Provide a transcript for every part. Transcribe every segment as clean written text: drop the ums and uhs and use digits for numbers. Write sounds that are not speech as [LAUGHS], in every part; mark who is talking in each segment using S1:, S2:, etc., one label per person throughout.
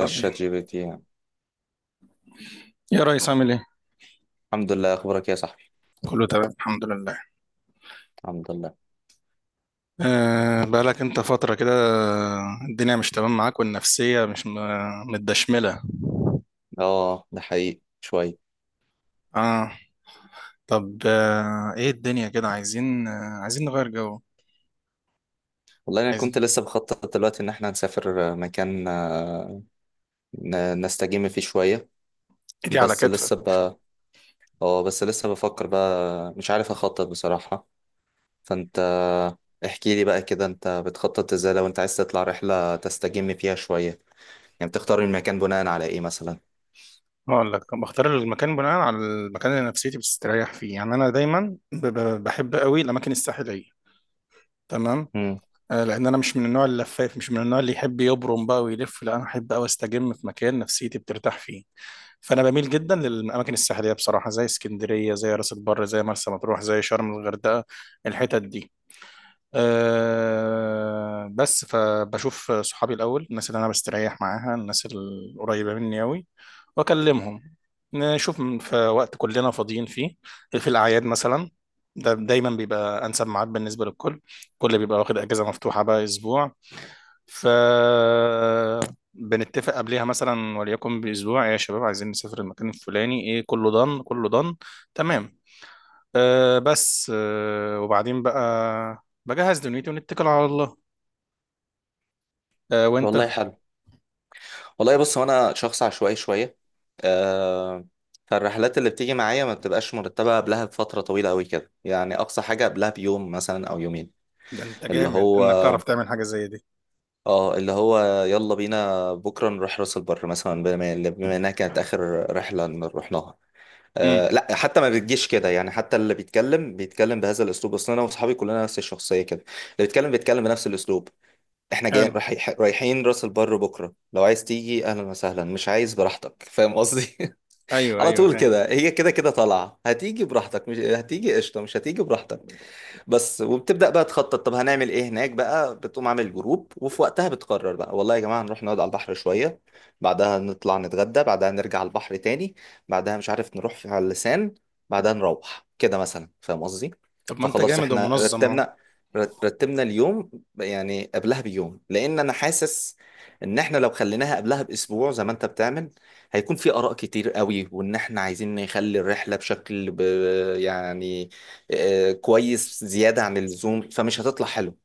S1: الشات جي بي تي يعني.
S2: يا ريس عامل ايه؟
S1: الحمد لله، اخبارك إيه يا صاحبي؟
S2: كله تمام الحمد لله.
S1: الحمد لله.
S2: أه بقالك انت فترة كده الدنيا مش تمام معاك والنفسية مش متدشملة.
S1: اه، ده حقيقي شويه.
S2: اه طب ايه الدنيا كده عايزين عايزين نغير جو،
S1: والله انا
S2: عايزين
S1: كنت لسه بخطط دلوقتي ان احنا نسافر مكان نستجم فيه شويه.
S2: ايدي على
S1: بس
S2: كتفك.
S1: لسه ب اه بس لسه بفكر بقى، مش عارف اخطط بصراحه. فانت احكي لي بقى كده، انت بتخطط ازاي لو انت عايز تطلع رحله تستجم فيها شويه؟ يعني بتختار المكان بناء على ايه مثلا؟
S2: هقول لك بختار المكان بناء على المكان اللي نفسيتي بتستريح فيه، يعني انا دايما بحب قوي الاماكن الساحلية، تمام.
S1: امم.
S2: آه لان انا مش من النوع اللفاف، مش من النوع اللي يحب يبرم بقى ويلف، لا انا احب قوي استجم في مكان نفسيتي بترتاح فيه. فانا بميل جدا للاماكن الساحليه بصراحه، زي اسكندريه، زي راس البر، زي مرسى مطروح، زي شرم الغردقه، الحتت دي. أه بس فبشوف صحابي الاول، الناس اللي انا بستريح معاها، الناس القريبه مني قوي واكلمهم، نشوف في وقت كلنا فاضيين فيه، في الاعياد مثلا. ده دايما بيبقى انسب ميعاد بالنسبه للكل، كل بيبقى واخد اجازه مفتوحه بقى اسبوع. ف بنتفق قبلها مثلا وليكن باسبوع "إيه يا شباب عايزين نسافر المكان الفلاني ايه"، كله ضن كله ضن تمام. أه بس أه وبعدين بقى بجهز دنيتي ونتكل على الله. أه وانت؟
S1: والله حلو. والله بص، هو انا شخص عشوائي شويه. آه فالرحلات اللي بتيجي معايا ما بتبقاش مرتبه قبلها بفتره طويله قوي كده، يعني اقصى حاجه قبلها بيوم مثلا او يومين.
S2: ده انت
S1: اللي
S2: جامد
S1: هو
S2: انك تعرف تعمل حاجه زي دي.
S1: اه اللي هو يلا بينا بكره نروح راس البر مثلا، بما انها كانت اخر رحله إن رحناها. آه
S2: امم،
S1: لا، حتى ما بتجيش كده يعني، حتى اللي بيتكلم بيتكلم بهذا الاسلوب، اصلا انا واصحابي كلنا نفس الشخصيه كده. اللي بيتكلم بيتكلم بنفس الاسلوب. احنا جايين
S2: حلو،
S1: رايحين راس البر بكره، لو عايز تيجي اهلا وسهلا، مش عايز براحتك، فاهم قصدي؟ [LAUGHS]
S2: ايوه
S1: على
S2: ايوه
S1: طول
S2: فاهم.
S1: كده، هي كده كده طالعه، هتيجي براحتك مش هتيجي قشطه مش هتيجي براحتك. بس وبتبدأ بقى تخطط، طب هنعمل ايه هناك بقى، بتقوم عامل جروب، وفي وقتها بتقرر بقى، والله يا جماعة هنروح نقعد على البحر شوية، بعدها نطلع نتغدى، بعدها نرجع على البحر تاني، بعدها مش عارف نروح في على اللسان، بعدها نروح كده مثلا، فاهم قصدي.
S2: طب ما انت
S1: فخلاص
S2: جامد
S1: احنا
S2: ومنظم اهو.
S1: رتبنا، رتبنا اليوم، يعني قبلها بيوم، لان انا حاسس ان احنا لو خليناها قبلها باسبوع زي ما انت بتعمل، هيكون في اراء كتير قوي، وان احنا عايزين نخلي الرحله بشكل يعني كويس زيادة عن اللزوم، فمش هتطلع حلو،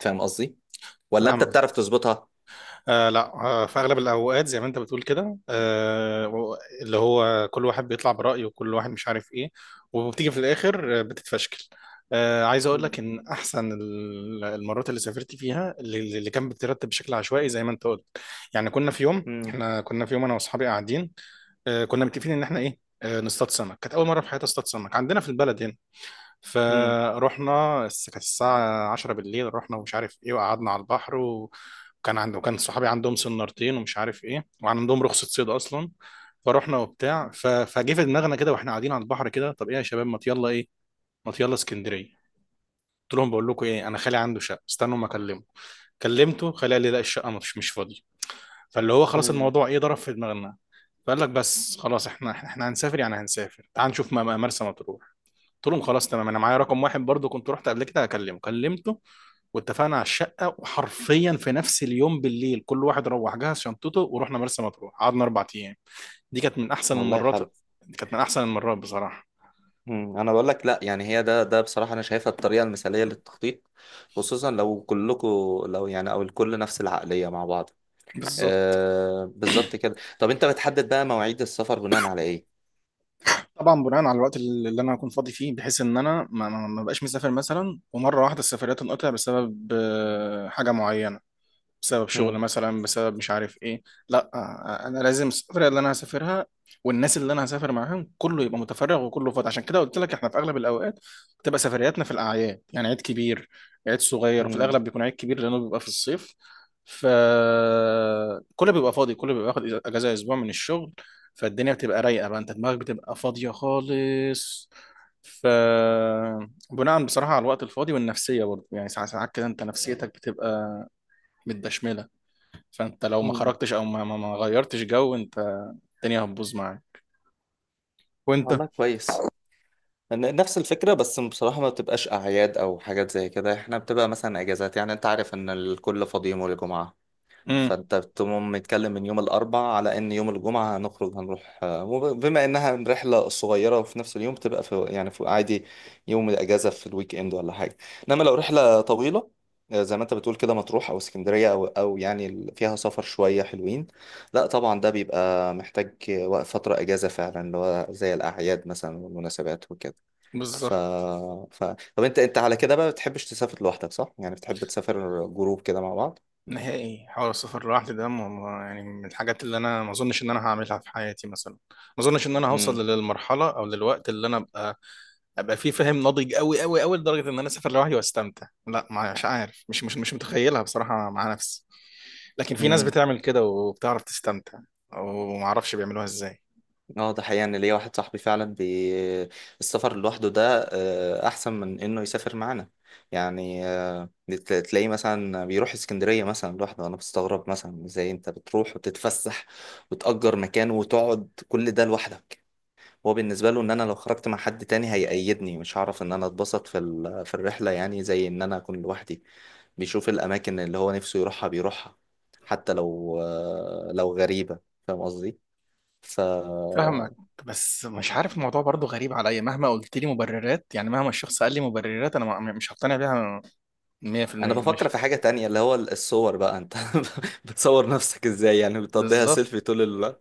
S1: فاهم قصدي؟ ولا انت
S2: فاهمك،
S1: بتعرف تظبطها؟
S2: آه لا آه في اغلب الاوقات زي ما انت بتقول كده، اللي هو كل واحد بيطلع برايه وكل واحد مش عارف ايه، وبتيجي في الاخر بتتفشكل. آه عايز اقول
S1: مم،
S2: لك ان احسن المرات اللي سافرت فيها اللي كان بترتب بشكل عشوائي زي ما انت قلت. يعني كنا في يوم،
S1: مم،
S2: احنا كنا في يوم انا واصحابي قاعدين، كنا متفقين ان احنا ايه، آه نصطاد سمك، كانت اول مره في حياتي اصطاد سمك عندنا في البلد هنا.
S1: مم،
S2: فروحنا كانت الساعة 10 بالليل، رحنا ومش عارف ايه وقعدنا على البحر، و وكان عنده كان صحابي عندهم سنارتين ومش عارف ايه وعندهم رخصة صيد اصلا. فروحنا وبتاع فجه في دماغنا كده واحنا قاعدين على البحر كده، طب ايه يا شباب ما يلا ايه، ما يلا اسكندرية. قلت لهم بقول لكم ايه، انا خالي عنده شقة، استنوا ما اكلمه. كلمته خالي قال لي لا، الشقة مش فاضية. فاللي هو خلاص
S1: مم.
S2: الموضوع ايه ضرب في دماغنا. فقال لك بس خلاص احنا هنسافر يعني هنسافر، تعال نشوف مرسى مطروح. قلت لهم خلاص تمام، انا معايا رقم واحد برضو كنت رحت قبل كده هكلمه، كلمته واتفقنا على الشقه، وحرفيا في نفس اليوم بالليل كل واحد روح جهز شنطته ورحنا مرسى مطروح قعدنا 4 ايام. دي كانت من احسن
S1: والله
S2: المرات،
S1: حلو.
S2: دي كانت من احسن المرات بصراحه.
S1: مم. انا بقول لك، لا يعني هي ده بصراحة انا شايفها الطريقة المثالية للتخطيط، خصوصا لو كلكم، لو يعني او الكل نفس العقلية مع بعض.
S2: بالظبط.
S1: آه بالظبط كده. طب انت بتحدد بقى مواعيد السفر بناء على ايه؟
S2: طبعا بناء على الوقت اللي انا هكون فاضي فيه، بحيث ان انا ما بقاش مسافر مثلا ومره واحده السفرية تنقطع بسبب حاجه معينه، بسبب شغل
S1: مم.
S2: مثلا، بسبب مش عارف ايه. لا انا لازم السفرية اللي انا هسافرها والناس اللي انا هسافر معاهم كله يبقى متفرغ وكله فاضي. عشان كده قلت لك احنا في اغلب الاوقات بتبقى سفرياتنا في الاعياد، يعني عيد كبير عيد صغير، وفي
S1: مم.
S2: الاغلب بيكون عيد كبير لانه بيبقى في الصيف. فكله بيبقى فاضي، كله بيبقى واخد اجازة اسبوع من الشغل، فالدنيا بتبقى رايقة بقى، انت دماغك بتبقى فاضية خالص. ف بناء بصراحة على الوقت الفاضي والنفسية برضه، يعني ساعات كده انت نفسيتك بتبقى متدشملة. فانت لو ما
S1: مم.
S2: خرجتش او ما غيرتش جو، انت الدنيا هتبوظ معاك.
S1: والله
S2: وانت.
S1: كويس. نفس الفكرة، بس بصراحة ما بتبقاش أعياد أو حاجات زي كده، إحنا بتبقى مثلا أجازات، يعني أنت عارف إن الكل فاضي يوم الجمعة،
S2: امم،
S1: فأنت بتقوم متكلم من يوم الأربع على إن يوم الجمعة هنخرج هنروح، بما إنها رحلة صغيرة وفي نفس اليوم بتبقى في يعني في عادي، يوم الأجازة في الويك إند ولا حاجة. إنما لو رحلة طويلة، زي ما أنت بتقول كده، مطروح أو اسكندرية أو أو يعني فيها سفر شوية حلوين، لا طبعا ده بيبقى محتاج فترة أجازة فعلا، اللي هو زي الأعياد مثلا والمناسبات وكده. ف...
S2: بالظبط.
S1: ف... طب انت على كده بقى بتحبش تسافر لوحدك صح؟ يعني بتحب تسافر جروب كده مع بعض؟
S2: نهائي حوار السفر لوحدي ده يعني من الحاجات اللي انا ما اظنش ان انا هعملها في حياتي مثلا، ما اظنش ان انا
S1: امم.
S2: هوصل للمرحله او للوقت اللي انا ابقى فيه فاهم ناضج قوي قوي قوي لدرجه ان انا اسافر لوحدي واستمتع. لا مش عارف، مش متخيلها بصراحه مع نفسي. لكن في ناس
S1: امم.
S2: بتعمل كده وبتعرف تستمتع، وما اعرفش بيعملوها ازاي.
S1: اه ده حقيقة، ان ليا واحد صاحبي فعلا السفر لوحده ده احسن من انه يسافر معانا، يعني تلاقيه مثلا بيروح اسكندرية مثلا لوحده، انا بستغرب مثلا ازاي انت بتروح وتتفسح وتأجر مكان وتقعد كل ده لوحدك. هو بالنسبة له ان انا لو خرجت مع حد تاني هيقيدني، مش هعرف ان انا اتبسط في في الرحلة، يعني زي ان انا اكون لوحدي، بيشوف الأماكن اللي هو نفسه يروحها بيروحها، حتى لو، لو غريبة، فاهم قصدي؟ ف
S2: فاهمك، بس مش عارف الموضوع برضو غريب عليا، مهما قلت لي مبررات، يعني مهما الشخص قال لي مبررات انا مش هقتنع بيها
S1: أنا
S2: 100%.
S1: بفكر
S2: مش
S1: في حاجة تانية اللي هو الصور بقى، أنت [LAUGHS] بتصور نفسك إزاي؟ يعني بتقضيها
S2: بالظبط،
S1: سيلفي طول الوقت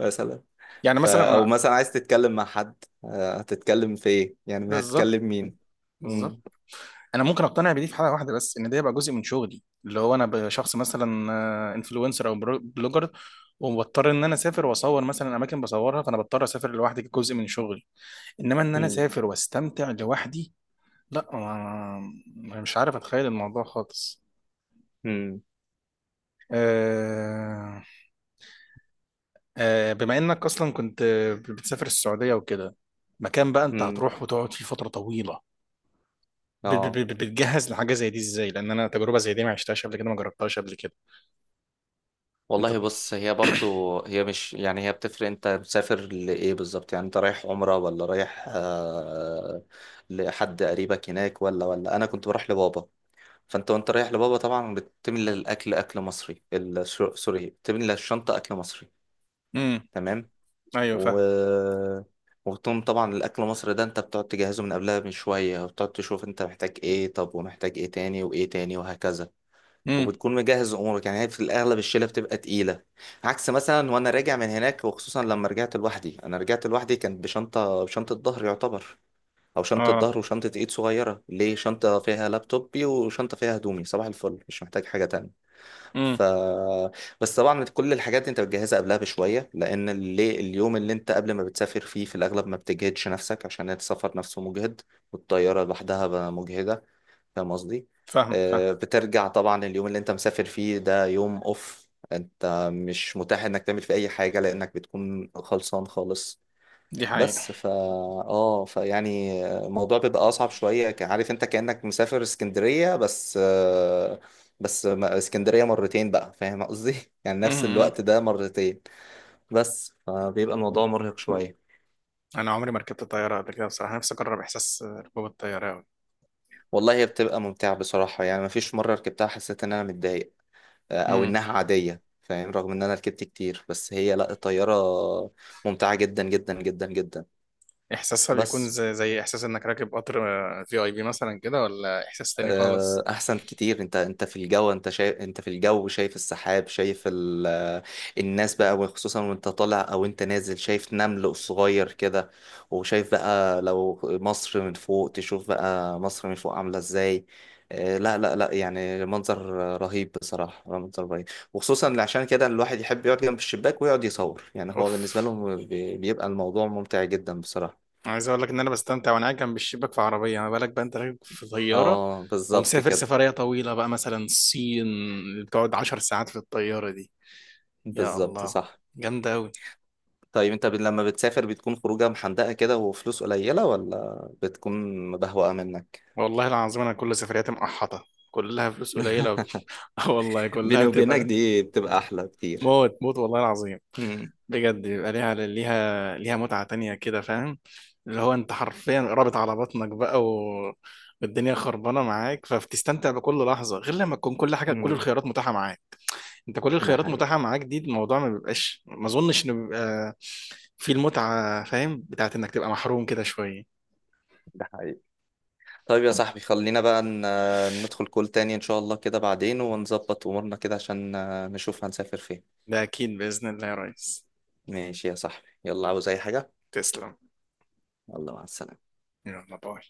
S1: مثلا؟
S2: يعني مثلا
S1: أو
S2: أنا-
S1: مثلا عايز تتكلم مع حد، هتتكلم في إيه؟ يعني
S2: بالظبط
S1: هتكلم مين؟
S2: بالظبط.
S1: مم.
S2: انا ممكن اقتنع بدي في حاله واحده بس، ان ده يبقى جزء من شغلي، اللي هو انا شخص مثلا انفلونسر او بلوجر، وبضطر ان انا اسافر واصور مثلا اماكن بصورها، فانا بضطر اسافر لوحدي كجزء من شغلي. انما ان انا
S1: مم.
S2: اسافر واستمتع لوحدي، لا مش عارف اتخيل الموضوع خالص.
S1: مم.
S2: أه، بما انك اصلا كنت بتسافر السعودية وكده، مكان بقى انت
S1: مم.
S2: هتروح وتقعد فيه فترة طويلة،
S1: آه
S2: بتجهز لحاجة زي دي ازاي؟ لان انا تجربة زي دي ما عشتهاش قبل كده، ما جربتهاش قبل كده. انت.
S1: والله بص، هي برضو هي مش يعني هي بتفرق انت مسافر لإيه بالظبط، يعني انت رايح عمرة ولا رايح لحد قريبك هناك، ولا انا كنت بروح لبابا. فانت وانت رايح لبابا طبعا بتملى الاكل اكل مصري، سوري بتملى الشنطة اكل مصري،
S2: امم.
S1: تمام.
S2: [CLEARS THROAT] ايوه
S1: و
S2: فاهم.
S1: وتقوم طبعا الاكل المصري ده انت بتقعد تجهزه من قبلها بشوية، وبتقعد تشوف انت محتاج ايه، طب ومحتاج ايه تاني وايه تاني وهكذا،
S2: امم.
S1: وبتكون مجهز امورك. يعني هي في الاغلب الشيله بتبقى تقيله، عكس مثلا وانا راجع من هناك، وخصوصا لما رجعت لوحدي، انا رجعت لوحدي كانت بشنطه، بشنطه ظهر يعتبر، او شنطه
S2: اه.
S1: ظهر وشنطه ايد صغيره ليه، شنطه فيها لابتوبي وشنطه فيها هدومي، صباح الفل مش محتاج حاجه تانية.
S2: امم.
S1: ف بس طبعا كل الحاجات دي انت بتجهزها قبلها بشويه، لان اللي اليوم اللي انت قبل ما بتسافر فيه في الاغلب ما بتجهدش نفسك، عشان السفر نفسه مجهد، والطياره لوحدها بقى مجهده، فاهم قصدي.
S2: فاهمك فاهم.
S1: بترجع طبعا، اليوم اللي انت مسافر فيه ده يوم اوف، انت مش متاح انك تعمل فيه اي حاجه لانك بتكون خلصان خالص.
S2: دي حقيقة.
S1: بس فا اه فيعني الموضوع بيبقى اصعب شويه، عارف انت كانك مسافر اسكندريه، بس اسكندريه مرتين بقى، فاهم قصدي؟ [LAUGHS] يعني نفس
S2: امم.
S1: الوقت ده مرتين، بس فبيبقى الموضوع مرهق شويه.
S2: انا عمري ما ركبت طيارة قبل كده بصراحة، نفسي اجرب احساس ركوب الطيارة أوي.
S1: والله هي بتبقى ممتعه بصراحه، يعني مفيش مره ركبتها حسيت ان انا متضايق او
S2: امم.
S1: انها عاديه، فاهم؟ رغم ان انا ركبت كتير، بس هي لا، الطياره ممتعه جدا جدا جدا جدا.
S2: احساسها بيكون
S1: بس
S2: زي زي احساس انك راكب قطر في اي بي مثلا كده، ولا احساس تاني خالص؟
S1: احسن كتير، انت في الجو، انت شايف انت في الجو شايف السحاب، شايف ال... آه، الناس بقى، وخصوصا وانت طالع او انت نازل شايف نمل صغير كده، وشايف بقى لو مصر من فوق تشوف بقى مصر من فوق عاملة ازاي. لا لا لا يعني منظر رهيب بصراحة، منظر رهيب. وخصوصا عشان كده الواحد يحب يقعد جنب الشباك ويقعد يصور، يعني هو
S2: اوف.
S1: بالنسبة لهم بيبقى الموضوع ممتع جدا بصراحة.
S2: عايز اقول لك ان انا بستمتع وانا قاعد جنب الشباك في عربيه، ما بالك بقى انت راكب في طياره
S1: اه بالظبط
S2: ومسافر
S1: كده.
S2: سفريه طويله بقى مثلا الصين اللي بتقعد 10 ساعات في الطياره دي. يا
S1: بالظبط
S2: الله،
S1: صح.
S2: جامده قوي.
S1: طيب انت لما بتسافر بتكون خروجه محندقه كده وفلوس قليله، ولا بتكون مبهوقه منك؟
S2: والله العظيم انا كل سفرياتي مقحطه، كلها فلوس قليله وب-
S1: [LAUGHS]
S2: [LAUGHS] آه والله كلها
S1: بيني وبينك
S2: بتبقى
S1: دي بتبقى احلى كتير.
S2: موت موت، والله العظيم
S1: امم.
S2: بجد بيبقى ليها ليها ليها متعه تانية كده فاهم، اللي هو انت حرفيا رابط على بطنك بقى و والدنيا خربانه معاك، فبتستمتع بكل لحظه غير لما تكون كل حاجه كل
S1: امم.
S2: الخيارات متاحه معاك. انت كل
S1: ده
S2: الخيارات
S1: حقيقي.
S2: متاحة معاك دي، الموضوع ما بيبقاش، ما اظنش انه بيبقى في المتعة فاهم، بتاعت انك تبقى محروم كده شوية.
S1: ده حقيقي. طيب يا صاحبي خلينا بقى ندخل كول تاني ان شاء الله كده بعدين، ونظبط امورنا كده عشان نشوف هنسافر فين.
S2: ده اكيد بإذن الله يا ريس.
S1: ماشي يا صاحبي، يلا، عاوز اي حاجه؟
S2: تسلم.
S1: يلا مع السلامه.
S2: يلا باي.